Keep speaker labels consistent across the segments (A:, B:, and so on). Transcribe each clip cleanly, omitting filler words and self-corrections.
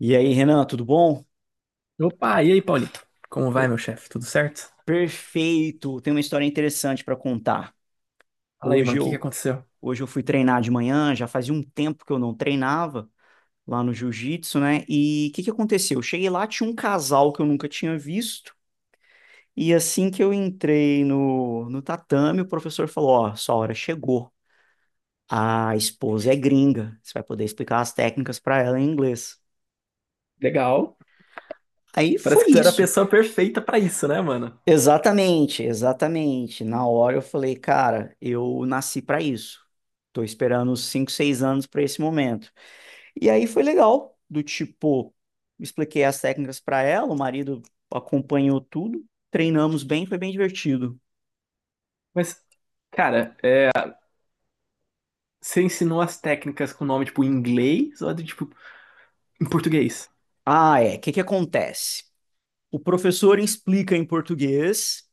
A: E aí, Renan, tudo bom?
B: Opa, e aí, Paulito? Como vai,
A: Per-
B: meu chefe? Tudo certo?
A: Perfeito. Tem uma história interessante para contar.
B: Fala aí, mano,
A: Hoje
B: o que que
A: eu,
B: aconteceu?
A: hoje eu fui treinar de manhã, já fazia um tempo que eu não treinava lá no jiu-jitsu, né? E o que que aconteceu? Eu cheguei lá, tinha um casal que eu nunca tinha visto. E assim que eu entrei no tatame, o professor falou: Ó, sua hora chegou. A esposa é gringa. Você vai poder explicar as técnicas para ela em inglês.
B: Legal.
A: Aí foi
B: Parece que tu era a
A: isso.
B: pessoa perfeita pra isso, né, mano?
A: Exatamente, exatamente. Na hora eu falei, cara, eu nasci pra isso. Tô esperando uns 5, 6 anos pra esse momento. E aí foi legal, do tipo, expliquei as técnicas pra ela, o marido acompanhou tudo, treinamos bem, foi bem divertido.
B: Mas, cara, é, você ensinou as técnicas com nome, tipo, em inglês ou, tipo, em português?
A: Ah, é. O que que acontece? O professor explica em português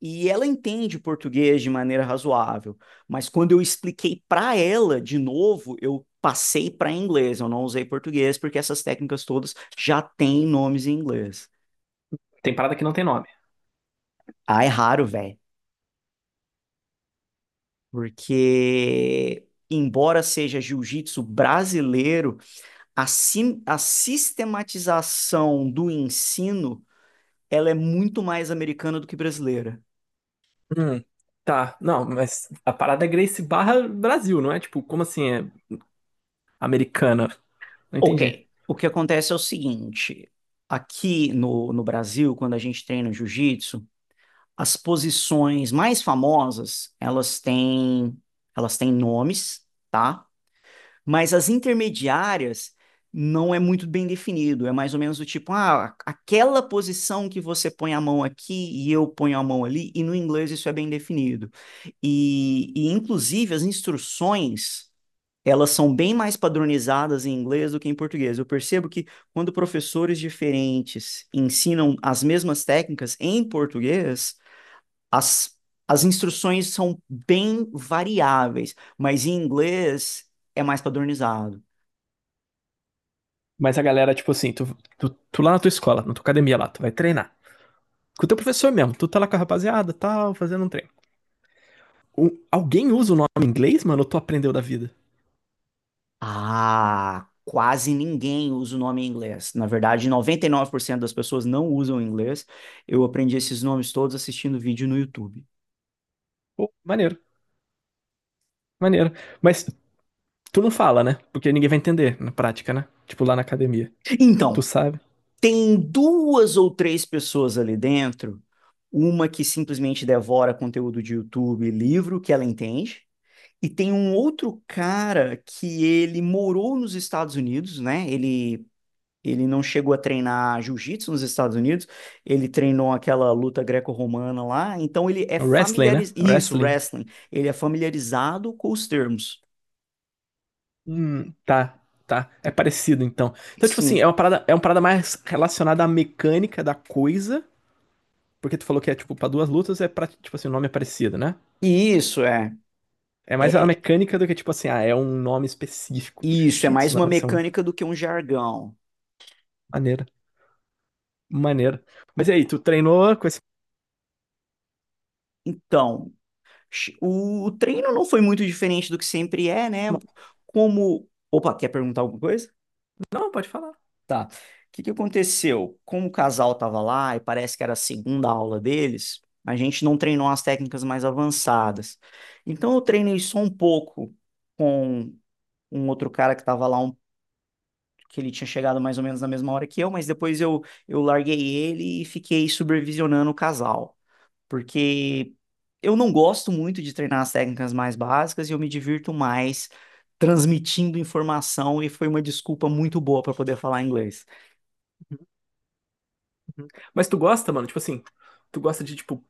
A: e ela entende português de maneira razoável, mas quando eu expliquei para ela de novo, eu passei para inglês, eu não usei português, porque essas técnicas todas já têm nomes em inglês.
B: Tem parada que não tem nome.
A: Ah, é raro, velho, porque embora seja jiu-jitsu brasileiro, a sistematização do ensino, ela é muito mais americana do que brasileira.
B: Hum, tá. Não, mas a parada é Grace barra Brasil, não é? Tipo, como assim é americana? Não entendi.
A: Ok. O que acontece é o seguinte: aqui no Brasil, quando a gente treina jiu-jitsu, as posições mais famosas, elas têm nomes, tá? Mas as intermediárias não é muito bem definido. É mais ou menos do tipo, ah, aquela posição que você põe a mão aqui e eu ponho a mão ali, e no inglês isso é bem definido. E inclusive, as instruções elas são bem mais padronizadas em inglês do que em português. Eu percebo que quando professores diferentes ensinam as mesmas técnicas em português, as, as instruções são bem variáveis, mas em inglês é mais padronizado.
B: Mas a galera, tipo assim, tu lá na tua escola, na tua academia lá, tu vai treinar. Com o teu professor mesmo, tu tá lá com a rapaziada, e tal, fazendo um treino. O- alguém usa o nome em inglês, mano, ou tu aprendeu da vida?
A: Ah, quase ninguém usa o nome em inglês. Na verdade, 99% das pessoas não usam inglês. Eu aprendi esses nomes todos assistindo vídeo no YouTube.
B: Pô, maneiro, maneiro. Mas tu não fala, né? Porque ninguém vai entender na prática, né? Tipo lá na academia. Tu
A: Então,
B: sabe?
A: tem duas ou três pessoas ali dentro, uma que simplesmente devora conteúdo de YouTube e livro que ela entende, e tem um outro cara que ele morou nos Estados Unidos, né? Ele não chegou a treinar jiu-jitsu nos Estados Unidos, ele treinou aquela luta greco-romana lá, então ele é
B: É wrestling, né?
A: familiarizado,
B: É
A: isso,
B: wrestling.
A: wrestling, ele é familiarizado com os termos.
B: Tá, tá. É parecido, então. Então, tipo assim,
A: Sim.
B: é uma parada mais relacionada à mecânica da coisa. Porque tu falou que é, tipo, pra duas lutas é pra, tipo assim, o nome é parecido, né?
A: E isso é,
B: É mais a
A: é
B: mecânica do que, tipo assim, ah, é um nome específico do
A: isso é mais
B: jiu-jitsu.
A: uma
B: Não, isso é um
A: mecânica do que um jargão.
B: maneiro. Maneiro. Mas e aí, tu treinou com esse.
A: Então, o treino não foi muito diferente do que sempre é, né? Como. Opa, quer perguntar alguma coisa?
B: Não, pode falar.
A: Tá. O que que aconteceu? Como o casal tava lá e parece que era a segunda aula deles, a gente não treinou as técnicas mais avançadas. Então eu treinei só um pouco com um outro cara que tava lá, que ele tinha chegado mais ou menos na mesma hora que eu, mas depois eu larguei ele e fiquei supervisionando o casal porque eu não gosto muito de treinar as técnicas mais básicas e eu me divirto mais transmitindo informação e foi uma desculpa muito boa para poder falar inglês.
B: Mas tu gosta, mano? Tipo assim, tu gosta de, tipo,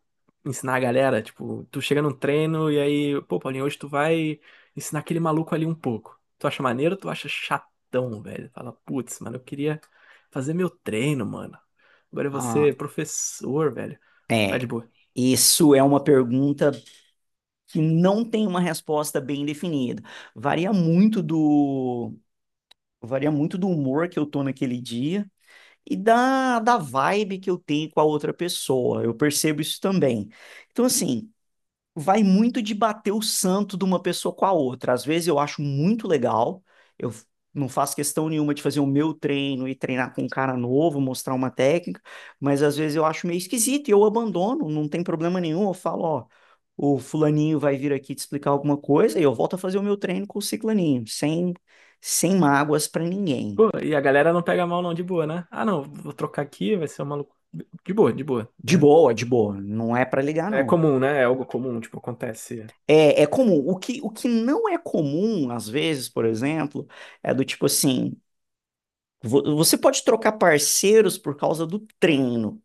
B: ensinar a galera? Tipo, tu chega num treino e aí, pô, Paulinho, hoje tu vai ensinar aquele maluco ali um pouco. Tu acha maneiro ou tu acha chatão, velho? Fala, putz, mano, eu queria fazer meu treino, mano. Agora eu vou
A: Ah,
B: ser professor, velho. Vai de
A: é.
B: boa.
A: Isso é uma pergunta que não tem uma resposta bem definida. Varia muito do varia muito do humor que eu tô naquele dia e da vibe que eu tenho com a outra pessoa. Eu percebo isso também. Então, assim, vai muito de bater o santo de uma pessoa com a outra. Às vezes eu acho muito legal, eu f- não faço questão nenhuma de fazer o meu treino e treinar com um cara novo, mostrar uma técnica, mas às vezes eu acho meio esquisito e eu abandono, não tem problema nenhum. Eu falo, ó, o fulaninho vai vir aqui te explicar alguma coisa e eu volto a fazer o meu treino com o ciclaninho, sem mágoas pra ninguém.
B: Pô, e a galera não pega mal, não, de boa, né? Ah, não, vou trocar aqui, vai ser um maluco. De boa, né?
A: De boa, não é pra ligar,
B: É
A: não.
B: comum, né? É algo comum, tipo, acontece.
A: É comum. O que não é comum, às vezes, por exemplo, é do tipo assim. Você pode trocar parceiros por causa do treino,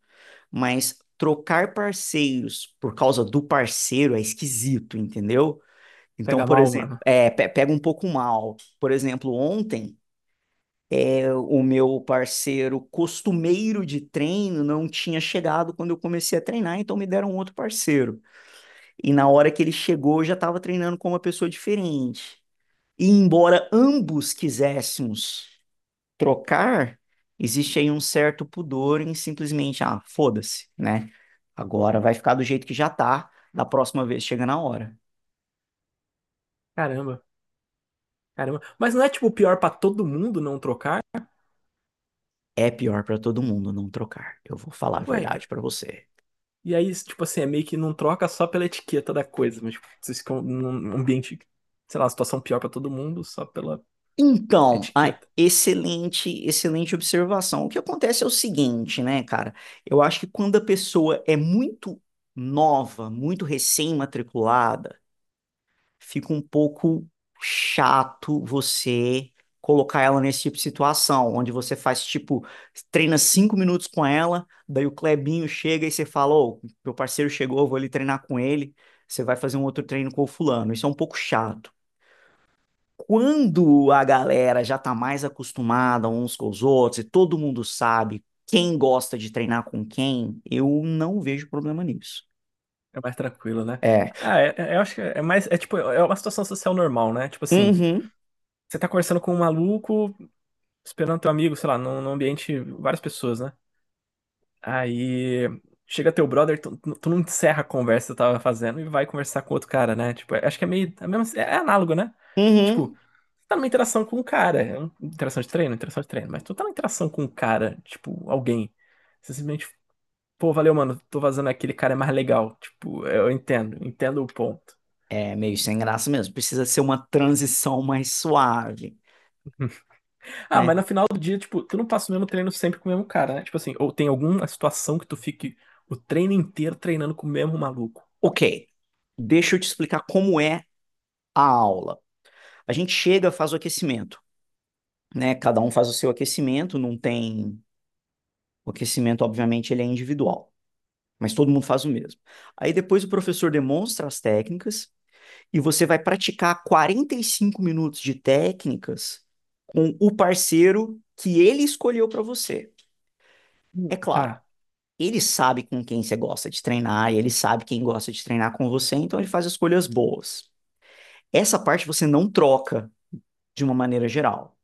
A: mas trocar parceiros por causa do parceiro é esquisito, entendeu? Então,
B: Pega
A: por
B: mal,
A: exemplo,
B: mano.
A: pega um pouco mal. Por exemplo, ontem o meu parceiro costumeiro de treino não tinha chegado quando eu comecei a treinar, então me deram outro parceiro. E na hora que ele chegou, eu já estava treinando com uma pessoa diferente. E embora ambos quiséssemos trocar, existe aí um certo pudor em simplesmente, ah, foda-se, né? Agora vai ficar do jeito que já tá, da próxima vez chega na hora.
B: Caramba, caramba. Mas não é tipo pior pra todo mundo não trocar?
A: É pior para todo mundo não trocar. Eu vou falar a
B: Ué,
A: verdade para você.
B: e aí, tipo assim, é meio que não troca só pela etiqueta da coisa, mas tipo, vocês ficam num ambiente, sei lá, situação pior pra todo mundo só pela
A: Então, a
B: etiqueta.
A: excelente, excelente observação. O que acontece é o seguinte, né, cara? Eu acho que quando a pessoa é muito nova, muito recém-matriculada, fica um pouco chato você colocar ela nesse tipo de situação, onde você faz tipo, treina 5 minutos com ela, daí o Clebinho chega e você fala, ô, meu parceiro chegou, eu vou ali treinar com ele, você vai fazer um outro treino com o fulano. Isso é um pouco chato. Quando a galera já tá mais acostumada uns com os outros e todo mundo sabe quem gosta de treinar com quem, eu não vejo problema nisso.
B: É mais tranquilo, né?
A: É.
B: Ah, é, é- eu acho que é mais, é tipo, é uma situação social normal, né? Tipo assim,
A: Uhum.
B: você tá conversando com um maluco, esperando teu amigo, sei lá, num ambiente, várias pessoas, né? Aí chega teu brother, tu não encerra a conversa que tu tava fazendo e vai conversar com outro cara, né? Tipo, acho que é meio. É, mesmo, é análogo, né? Tipo,
A: Uhum.
B: tu tá numa interação com um cara. É uma interação de treino, interação de treino. Mas tu tá numa interação com um cara, tipo, alguém. Você simplesmente, pô, valeu, mano, tô vazando aquele cara é mais legal. Tipo, eu entendo, entendo o ponto.
A: É meio sem graça mesmo. Precisa ser uma transição mais suave,
B: Ah, mas
A: né?
B: no final do dia, tipo, tu não passa o mesmo treino sempre com o mesmo cara, né? Tipo assim, ou tem alguma situação que tu fique o treino inteiro treinando com o mesmo maluco.
A: Ok, deixa eu te explicar como é a aula. A gente chega, faz o aquecimento, né? Cada um faz o seu aquecimento, não tem. O aquecimento, obviamente, ele é individual, mas todo mundo faz o mesmo. Aí depois o professor demonstra as técnicas e você vai praticar 45 minutos de técnicas com o parceiro que ele escolheu para você. É
B: Tá,
A: claro, ele sabe com quem você gosta de treinar, e ele sabe quem gosta de treinar com você, então ele faz escolhas boas. Essa parte você não troca de uma maneira geral,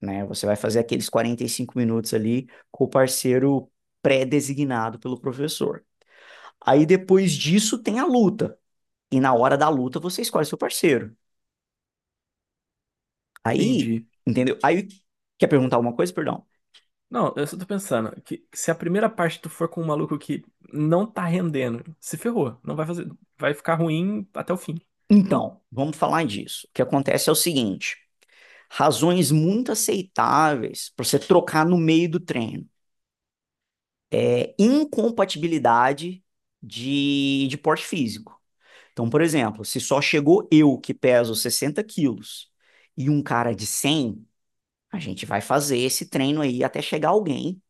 A: né? Você vai fazer aqueles 45 minutos ali com o parceiro pré-designado pelo professor. Aí depois disso tem a luta, e na hora da luta você escolhe seu parceiro. Aí,
B: entendi.
A: entendeu? Aí quer perguntar alguma coisa, perdão?
B: Não, eu só tô pensando que se a primeira parte tu for com um maluco que não tá rendendo, se ferrou, não vai fazer, vai ficar ruim até o fim.
A: Então, vamos falar disso. O que acontece é o seguinte: razões muito aceitáveis para você trocar no meio do treino é incompatibilidade de porte físico. Então, por exemplo, se só chegou eu que peso 60 quilos e um cara de 100, a gente vai fazer esse treino aí até chegar alguém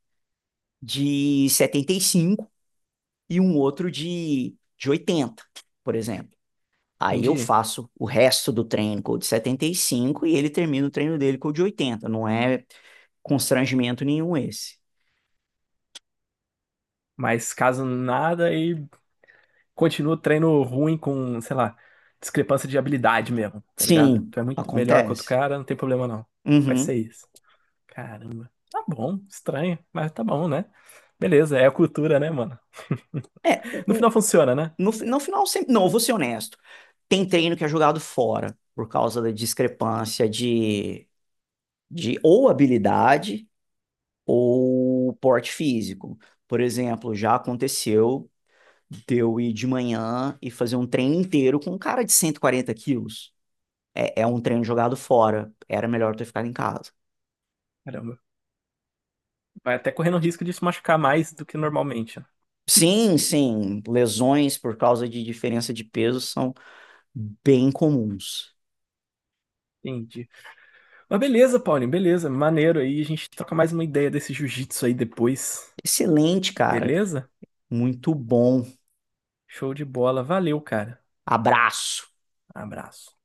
A: de 75 e um outro de 80, por exemplo. Aí eu
B: Entendi.
A: faço o resto do treino com o de 75 e ele termina o treino dele com o de 80. Não é constrangimento nenhum esse.
B: Mas caso nada e continua o treino ruim com, sei lá, discrepância de habilidade mesmo, tá ligado?
A: Sim,
B: Tu é muito melhor que outro
A: acontece.
B: cara, não tem problema não. Vai ser
A: Uhum.
B: isso. Caramba. Tá bom, estranho, mas tá bom, né? Beleza, é a cultura, né, mano?
A: É,
B: No final
A: o,
B: funciona, né?
A: no final, sempre, não, eu vou ser honesto. Tem treino que é jogado fora por causa da discrepância de ou habilidade ou porte físico. Por exemplo, já aconteceu de eu ir de manhã e fazer um treino inteiro com um cara de 140 quilos. É um treino jogado fora. Era melhor ter ficado em casa.
B: Caramba. Vai até correndo risco de se machucar mais do que normalmente. Né?
A: Sim, sim, lesões por causa de diferença de peso são bem comuns.
B: Entendi. Mas beleza, Paulinho, beleza. Maneiro aí. A gente troca mais uma ideia desse jiu-jitsu aí depois.
A: Excelente, cara.
B: Beleza?
A: Muito bom.
B: Show de bola. Valeu, cara.
A: Abraço.
B: Abraço.